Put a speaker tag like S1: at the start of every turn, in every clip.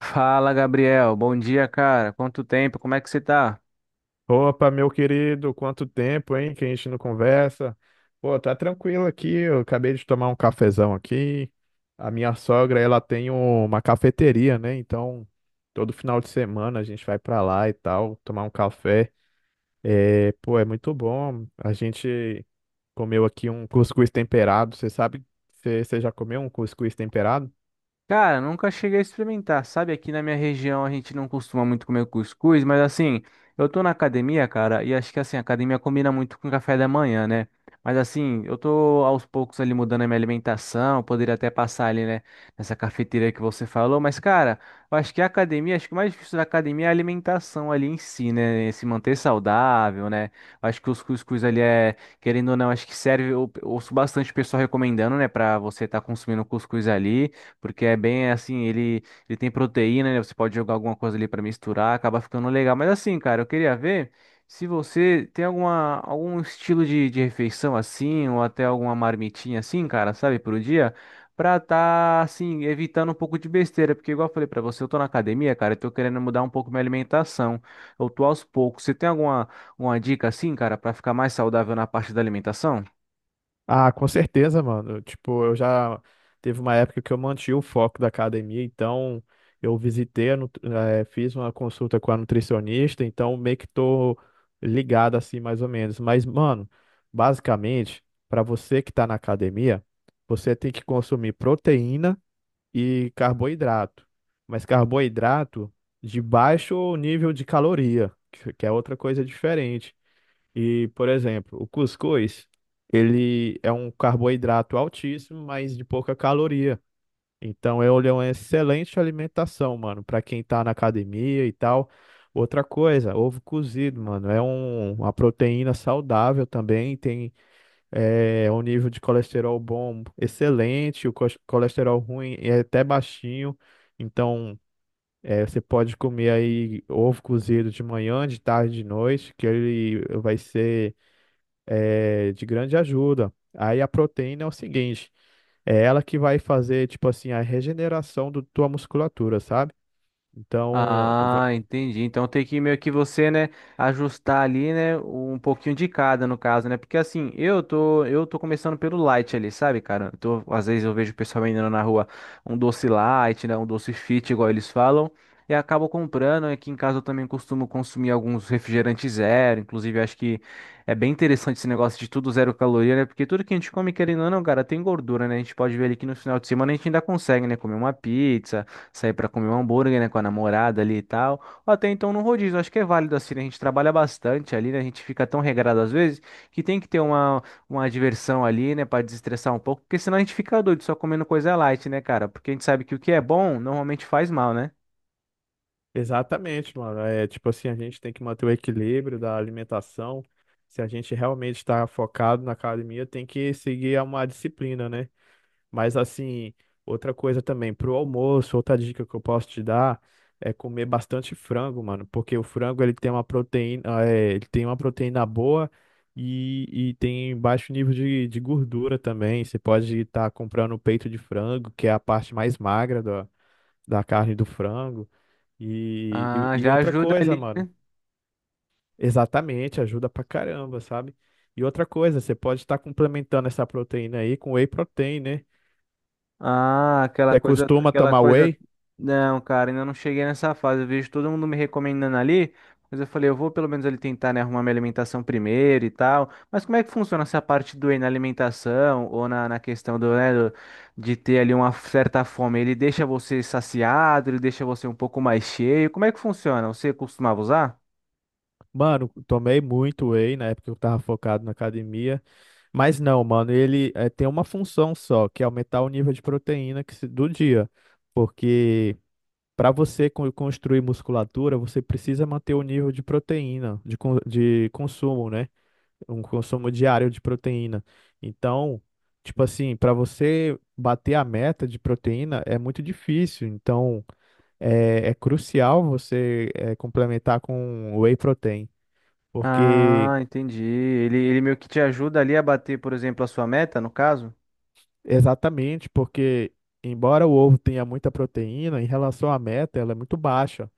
S1: Fala, Gabriel. Bom dia, cara. Quanto tempo? Como é que você tá?
S2: Opa, meu querido, quanto tempo, hein, que a gente não conversa. Pô, tá tranquilo aqui, eu acabei de tomar um cafezão aqui. A minha sogra, ela tem uma cafeteria, né? Então, todo final de semana a gente vai pra lá e tal, tomar um café. É, pô, é muito bom. A gente comeu aqui um cuscuz temperado. Você sabe, você já comeu um cuscuz temperado?
S1: Cara, nunca cheguei a experimentar, sabe? Aqui na minha região a gente não costuma muito comer cuscuz, mas assim, eu tô na academia, cara, e acho que assim, a academia combina muito com café da manhã, né? Mas assim, eu tô aos poucos ali mudando a minha alimentação, eu poderia até passar ali, né, nessa cafeteria que você falou, mas cara, eu acho que a academia, acho que o mais difícil da academia é a alimentação ali em si, né? Se manter saudável, né? Eu acho que os cuscuz ali é, querendo ou não, acho que serve, eu ouço bastante o pessoal recomendando, né, pra você estar tá consumindo cuscuz ali porque é bem assim, ele tem proteína, né? Você pode jogar alguma coisa ali para misturar, acaba ficando legal. Mas assim, cara, eu queria ver se você tem alguma, algum estilo de refeição assim, ou até alguma marmitinha assim, cara, sabe, pro dia. Pra tá, assim, evitando um pouco de besteira, porque igual eu falei pra você, eu tô na academia, cara, eu tô querendo mudar um pouco minha alimentação. Eu tô aos poucos. Você tem alguma uma dica assim, cara, pra ficar mais saudável na parte da alimentação?
S2: Ah, com certeza, mano. Tipo, eu já teve uma época que eu mantive o foco da academia, então eu visitei, fiz uma consulta com a nutricionista, então meio que tô ligado assim, mais ou menos. Mas, mano, basicamente, para você que tá na academia, você tem que consumir proteína e carboidrato. Mas carboidrato de baixo nível de caloria, que é outra coisa diferente. E, por exemplo, o cuscuz, ele é um carboidrato altíssimo, mas de pouca caloria. Então, ele é uma excelente alimentação, mano, para quem tá na academia e tal. Outra coisa, ovo cozido, mano, uma proteína saudável também, tem um nível de colesterol bom excelente, o colesterol ruim é até baixinho. Então, é, você pode comer aí ovo cozido de manhã, de tarde, de noite, que ele vai ser de grande ajuda. Aí a proteína é o seguinte, é ela que vai fazer, tipo assim, a regeneração da tua musculatura, sabe? Então,
S1: Ah, entendi. Então tem que meio que você, né, ajustar ali, né, um pouquinho de cada no caso, né? Porque assim, eu tô começando pelo light ali, sabe, cara? Às vezes eu vejo o pessoal vendendo na rua um doce light, né, um doce fit, igual eles falam, e acabo comprando. Aqui em casa eu também costumo consumir alguns refrigerantes zero, inclusive eu acho que é bem interessante esse negócio de tudo zero caloria, né? Porque tudo que a gente come, querendo ou não, cara, tem gordura, né? A gente pode ver ali que no final de semana a gente ainda consegue, né, comer uma pizza, sair pra comer um hambúrguer, né, com a namorada ali e tal. Ou até então no rodízio, acho que é válido assim, né? A gente trabalha bastante ali, né? A gente fica tão regrado às vezes que tem que ter uma diversão ali, né, pra desestressar um pouco, porque senão a gente fica doido só comendo coisa light, né, cara? Porque a gente sabe que o que é bom normalmente faz mal, né?
S2: exatamente, mano. É tipo assim, a gente tem que manter o equilíbrio da alimentação. Se a gente realmente está focado na academia, tem que seguir uma disciplina, né? Mas assim, outra coisa também, pro almoço, outra dica que eu posso te dar é comer bastante frango, mano, porque o frango ele tem uma proteína, ele tem uma proteína boa e tem baixo nível de gordura também. Você pode estar comprando o peito de frango, que é a parte mais magra da carne do frango. E,
S1: Ah,
S2: e, e
S1: já
S2: outra
S1: ajuda
S2: coisa,
S1: ali.
S2: mano, exatamente, ajuda pra caramba, sabe? E outra coisa, você pode estar complementando essa proteína aí com whey protein, né?
S1: Ah, aquela
S2: Você
S1: coisa,
S2: costuma
S1: aquela
S2: tomar
S1: coisa.
S2: whey?
S1: Não, cara, ainda não cheguei nessa fase. Eu vejo todo mundo me recomendando ali, mas eu falei, eu vou pelo menos ali tentar, né, arrumar minha alimentação primeiro e tal. Mas como é que funciona essa parte do whey na alimentação ou na, na questão do, né, do- de ter ali uma certa fome? Ele deixa você saciado, ele deixa você um pouco mais cheio. Como é que funciona? Você costumava usar?
S2: Mano, tomei muito whey na época que eu tava focado na academia, mas não, mano, ele tem uma função só, que é aumentar o nível de proteína que se- do dia, porque para você construir musculatura, você precisa manter o nível de proteína, de consumo, né? Um consumo diário de proteína. Então, tipo assim, para você bater a meta de proteína é muito difícil, então é crucial você complementar com whey protein. Porque,
S1: Ah, entendi. Ele meio que te ajuda ali a bater, por exemplo, a sua meta, no caso?
S2: exatamente, porque embora o ovo tenha muita proteína, em relação à meta, ela é muito baixa.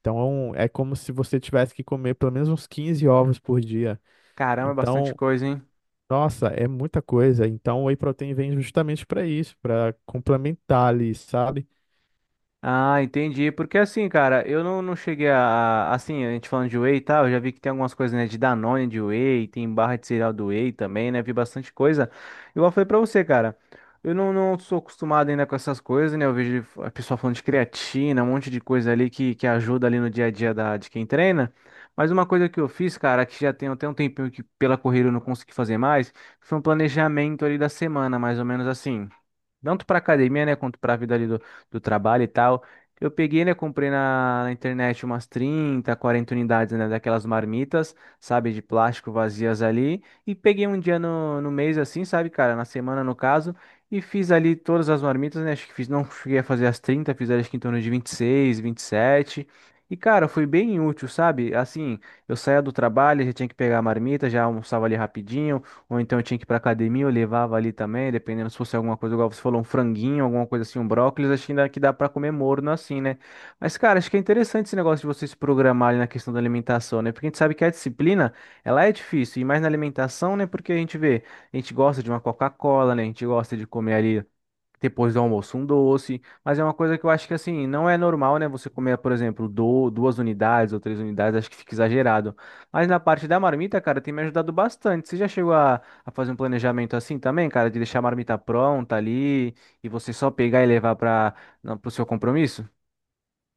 S2: Então, é como se você tivesse que comer pelo menos uns 15 ovos por dia.
S1: Caramba, é bastante
S2: Então,
S1: coisa, hein?
S2: nossa, é muita coisa. Então, o whey protein vem justamente para isso, para complementar ali, sabe?
S1: Ah, entendi. Porque assim, cara, eu não cheguei a- Assim, a gente falando de whey e tal, eu já vi que tem algumas coisas, né? De Danone, de whey, tem barra de cereal do whey também, né? Vi bastante coisa. Igual eu falei pra você, cara. Eu não sou acostumado ainda com essas coisas, né? Eu vejo a pessoa falando de creatina, um monte de coisa ali que ajuda ali no dia a dia da, de quem treina. Mas uma coisa que eu fiz, cara, que já tem até um tempinho que pela corrida eu não consegui fazer mais, foi um planejamento ali da semana, mais ou menos assim, tanto para academia, né, quanto para a vida ali do, do trabalho e tal. Eu peguei, né, comprei na, na internet umas 30 40 unidades, né, daquelas marmitas, sabe, de plástico vazias ali, e peguei um dia no, no mês assim, sabe, cara, na semana no caso, e fiz ali todas as marmitas, né, acho que fiz, não cheguei a fazer as trinta, fiz acho que em torno de 26, 27. E, sete. E, cara, foi bem útil, sabe? Assim, eu saía do trabalho, já tinha que pegar a marmita, já almoçava ali rapidinho, ou então eu tinha que ir pra academia, eu levava ali também, dependendo se fosse alguma coisa, igual você falou, um franguinho, alguma coisa assim, um brócolis, acho que ainda que dá pra comer morno assim, né? Mas, cara, acho que é interessante esse negócio de vocês se programar na questão da alimentação, né? Porque a gente sabe que a disciplina, ela é difícil, e mais na alimentação, né? Porque a gente vê, a gente gosta de uma Coca-Cola, né? A gente gosta de comer ali depois do almoço um doce, mas é uma coisa que eu acho que assim, não é normal, né? Você comer, por exemplo, do- duas unidades ou três unidades, acho que fica exagerado. Mas na parte da marmita, cara, tem me ajudado bastante. Você já chegou a fazer um planejamento assim também, cara, de deixar a marmita pronta ali e você só pegar e levar para o seu compromisso?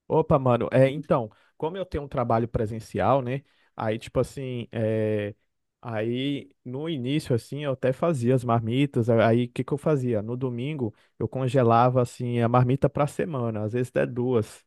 S2: Opa, mano, é, então, como eu tenho um trabalho presencial, né? Aí, tipo assim, é, aí no início, assim, eu até fazia as marmitas. Aí, o que eu fazia? No domingo, eu congelava, assim, a marmita pra semana, às vezes até duas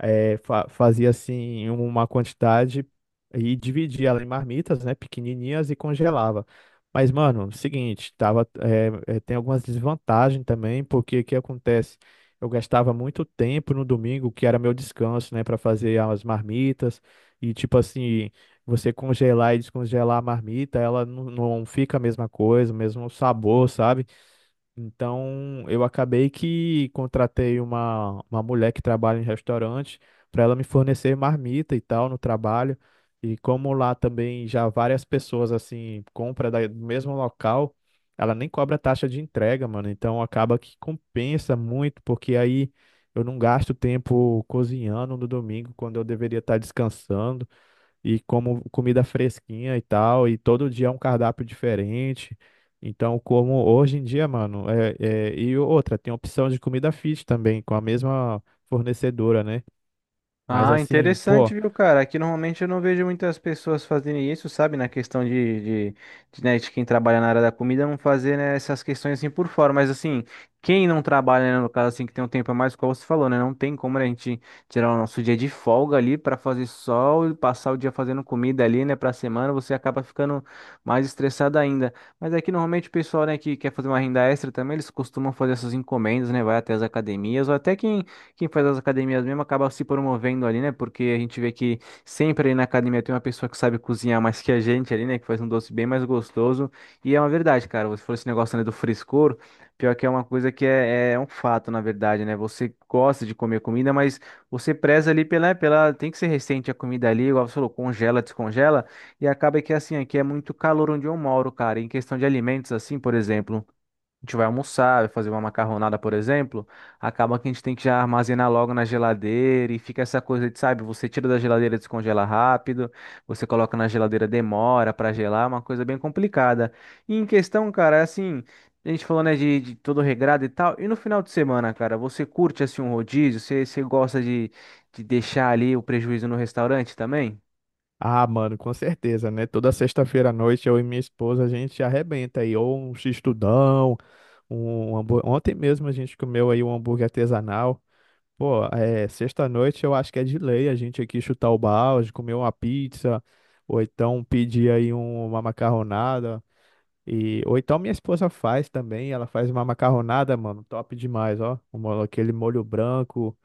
S2: fazia assim uma quantidade e dividia ela em marmitas, né, pequenininhas e congelava. Mas, mano, seguinte, tava, tem algumas desvantagens também, porque o que acontece? Eu gastava muito tempo no domingo, que era meu descanso, né, para fazer as marmitas e tipo assim, você congelar e descongelar a marmita, ela não fica a mesma coisa, o mesmo sabor, sabe? Então, eu acabei que contratei uma mulher que trabalha em restaurante para ela me fornecer marmita e tal no trabalho. E como lá também já várias pessoas assim compra do mesmo local, ela nem cobra taxa de entrega, mano. Então acaba que compensa muito, porque aí eu não gasto tempo cozinhando no domingo quando eu deveria estar descansando e como comida fresquinha e tal, e todo dia é um cardápio diferente. Então, como hoje em dia, mano, e outra, tem opção de comida fit também, com a mesma fornecedora, né? Mas
S1: Ah,
S2: assim,
S1: interessante,
S2: pô,
S1: viu, cara? Aqui normalmente eu não vejo muitas pessoas fazerem isso, sabe? Na questão de, de, né, de quem trabalha na área da comida não fazer, né, essas questões assim por fora. Mas assim, quem não trabalha, né, no caso assim, que tem um tempo a mais, como você falou, né? Não tem como né, a gente tirar o nosso dia de folga ali para fazer sol e passar o dia fazendo comida ali, né? Pra semana, você acaba ficando mais estressado ainda. Mas aqui normalmente o pessoal, né, que quer fazer uma renda extra também, eles costumam fazer essas encomendas, né? Vai até as academias, ou até quem faz as academias mesmo acaba se promovendo ali, né? Porque a gente vê que sempre ali na academia tem uma pessoa que sabe cozinhar mais que a gente ali, né? Que faz um doce bem mais gostoso. E é uma verdade, cara. Você falou esse negócio, né, do frescor. Pior que é uma coisa que é, é um fato, na verdade, né? Você gosta de comer comida, mas você preza ali pela, pela. Tem que ser recente a comida ali, igual você falou, congela, descongela. E acaba que é assim, aqui é muito calor onde eu moro, cara. Em questão de alimentos, assim, por exemplo, a gente vai almoçar, vai fazer uma macarronada, por exemplo, acaba que a gente tem que já armazenar logo na geladeira e fica essa coisa de, sabe, você tira da geladeira, descongela rápido, você coloca na geladeira, demora para gelar, é uma coisa bem complicada. E em questão, cara, é assim, a gente falou, né, de todo regrado e tal, e no final de semana, cara, você curte, assim, um rodízio? Você, gosta de deixar ali o prejuízo no restaurante também?
S2: ah, mano, com certeza, né? Toda sexta-feira à noite eu e minha esposa a gente arrebenta aí, ou um x-tudão, ontem mesmo a gente comeu aí um hambúrguer artesanal. Pô, é, sexta-noite eu acho que é de lei a gente aqui chutar o balde, comer uma pizza, ou então pedir uma macarronada. E, ou então minha esposa faz também, ela faz uma macarronada, mano, top demais, ó. Aquele molho branco,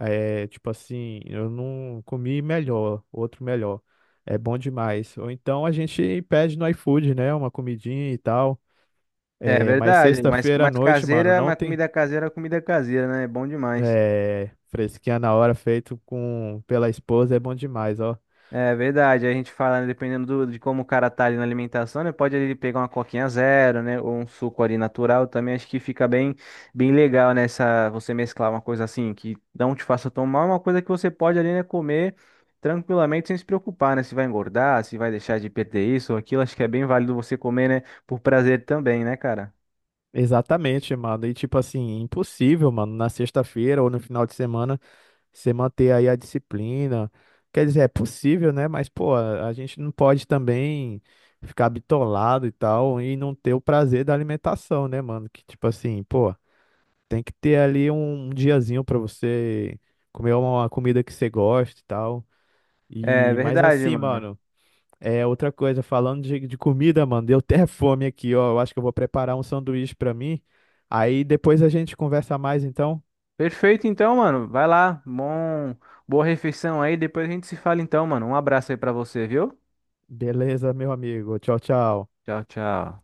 S2: é, tipo assim, eu não comi melhor, outro melhor. É bom demais. Ou então a gente pede no iFood, né, uma comidinha e tal.
S1: É
S2: É, mas
S1: verdade, mas
S2: sexta-feira à
S1: mais
S2: noite, mano,
S1: caseira,
S2: não
S1: mais
S2: tem.
S1: comida caseira, né? É bom demais.
S2: É, fresquinha na hora, feito com pela esposa, é bom demais, ó.
S1: É verdade, a gente fala, né, dependendo do- de como o cara tá ali na alimentação, né? Pode ele pegar uma coquinha zero, né? Ou um suco ali natural também, acho que fica bem, bem legal nessa, você mesclar uma coisa assim, que não te faça tomar, uma coisa que você pode ali, né, comer tranquilamente sem se preocupar, né? Se vai engordar, se vai deixar de perder isso ou aquilo, acho que é bem válido você comer, né? Por prazer também, né, cara?
S2: Exatamente, mano. E tipo assim, impossível, mano, na sexta-feira ou no final de semana, você manter aí a disciplina. Quer dizer, é possível, né? Mas, pô, a gente não pode também ficar bitolado e tal e não ter o prazer da alimentação, né, mano? Que tipo assim, pô, tem que ter ali um diazinho pra você comer uma comida que você gosta e tal.
S1: É
S2: E, mas
S1: verdade,
S2: assim,
S1: mano.
S2: mano. É, outra coisa, falando de comida, mano, deu até fome aqui, ó. Eu acho que eu vou preparar um sanduíche pra mim. Aí depois a gente conversa mais, então.
S1: Perfeito, então, mano. Vai lá, bom, boa refeição aí, depois a gente se fala então, mano. Um abraço aí pra você, viu?
S2: Beleza, meu amigo. Tchau, tchau.
S1: Tchau, tchau.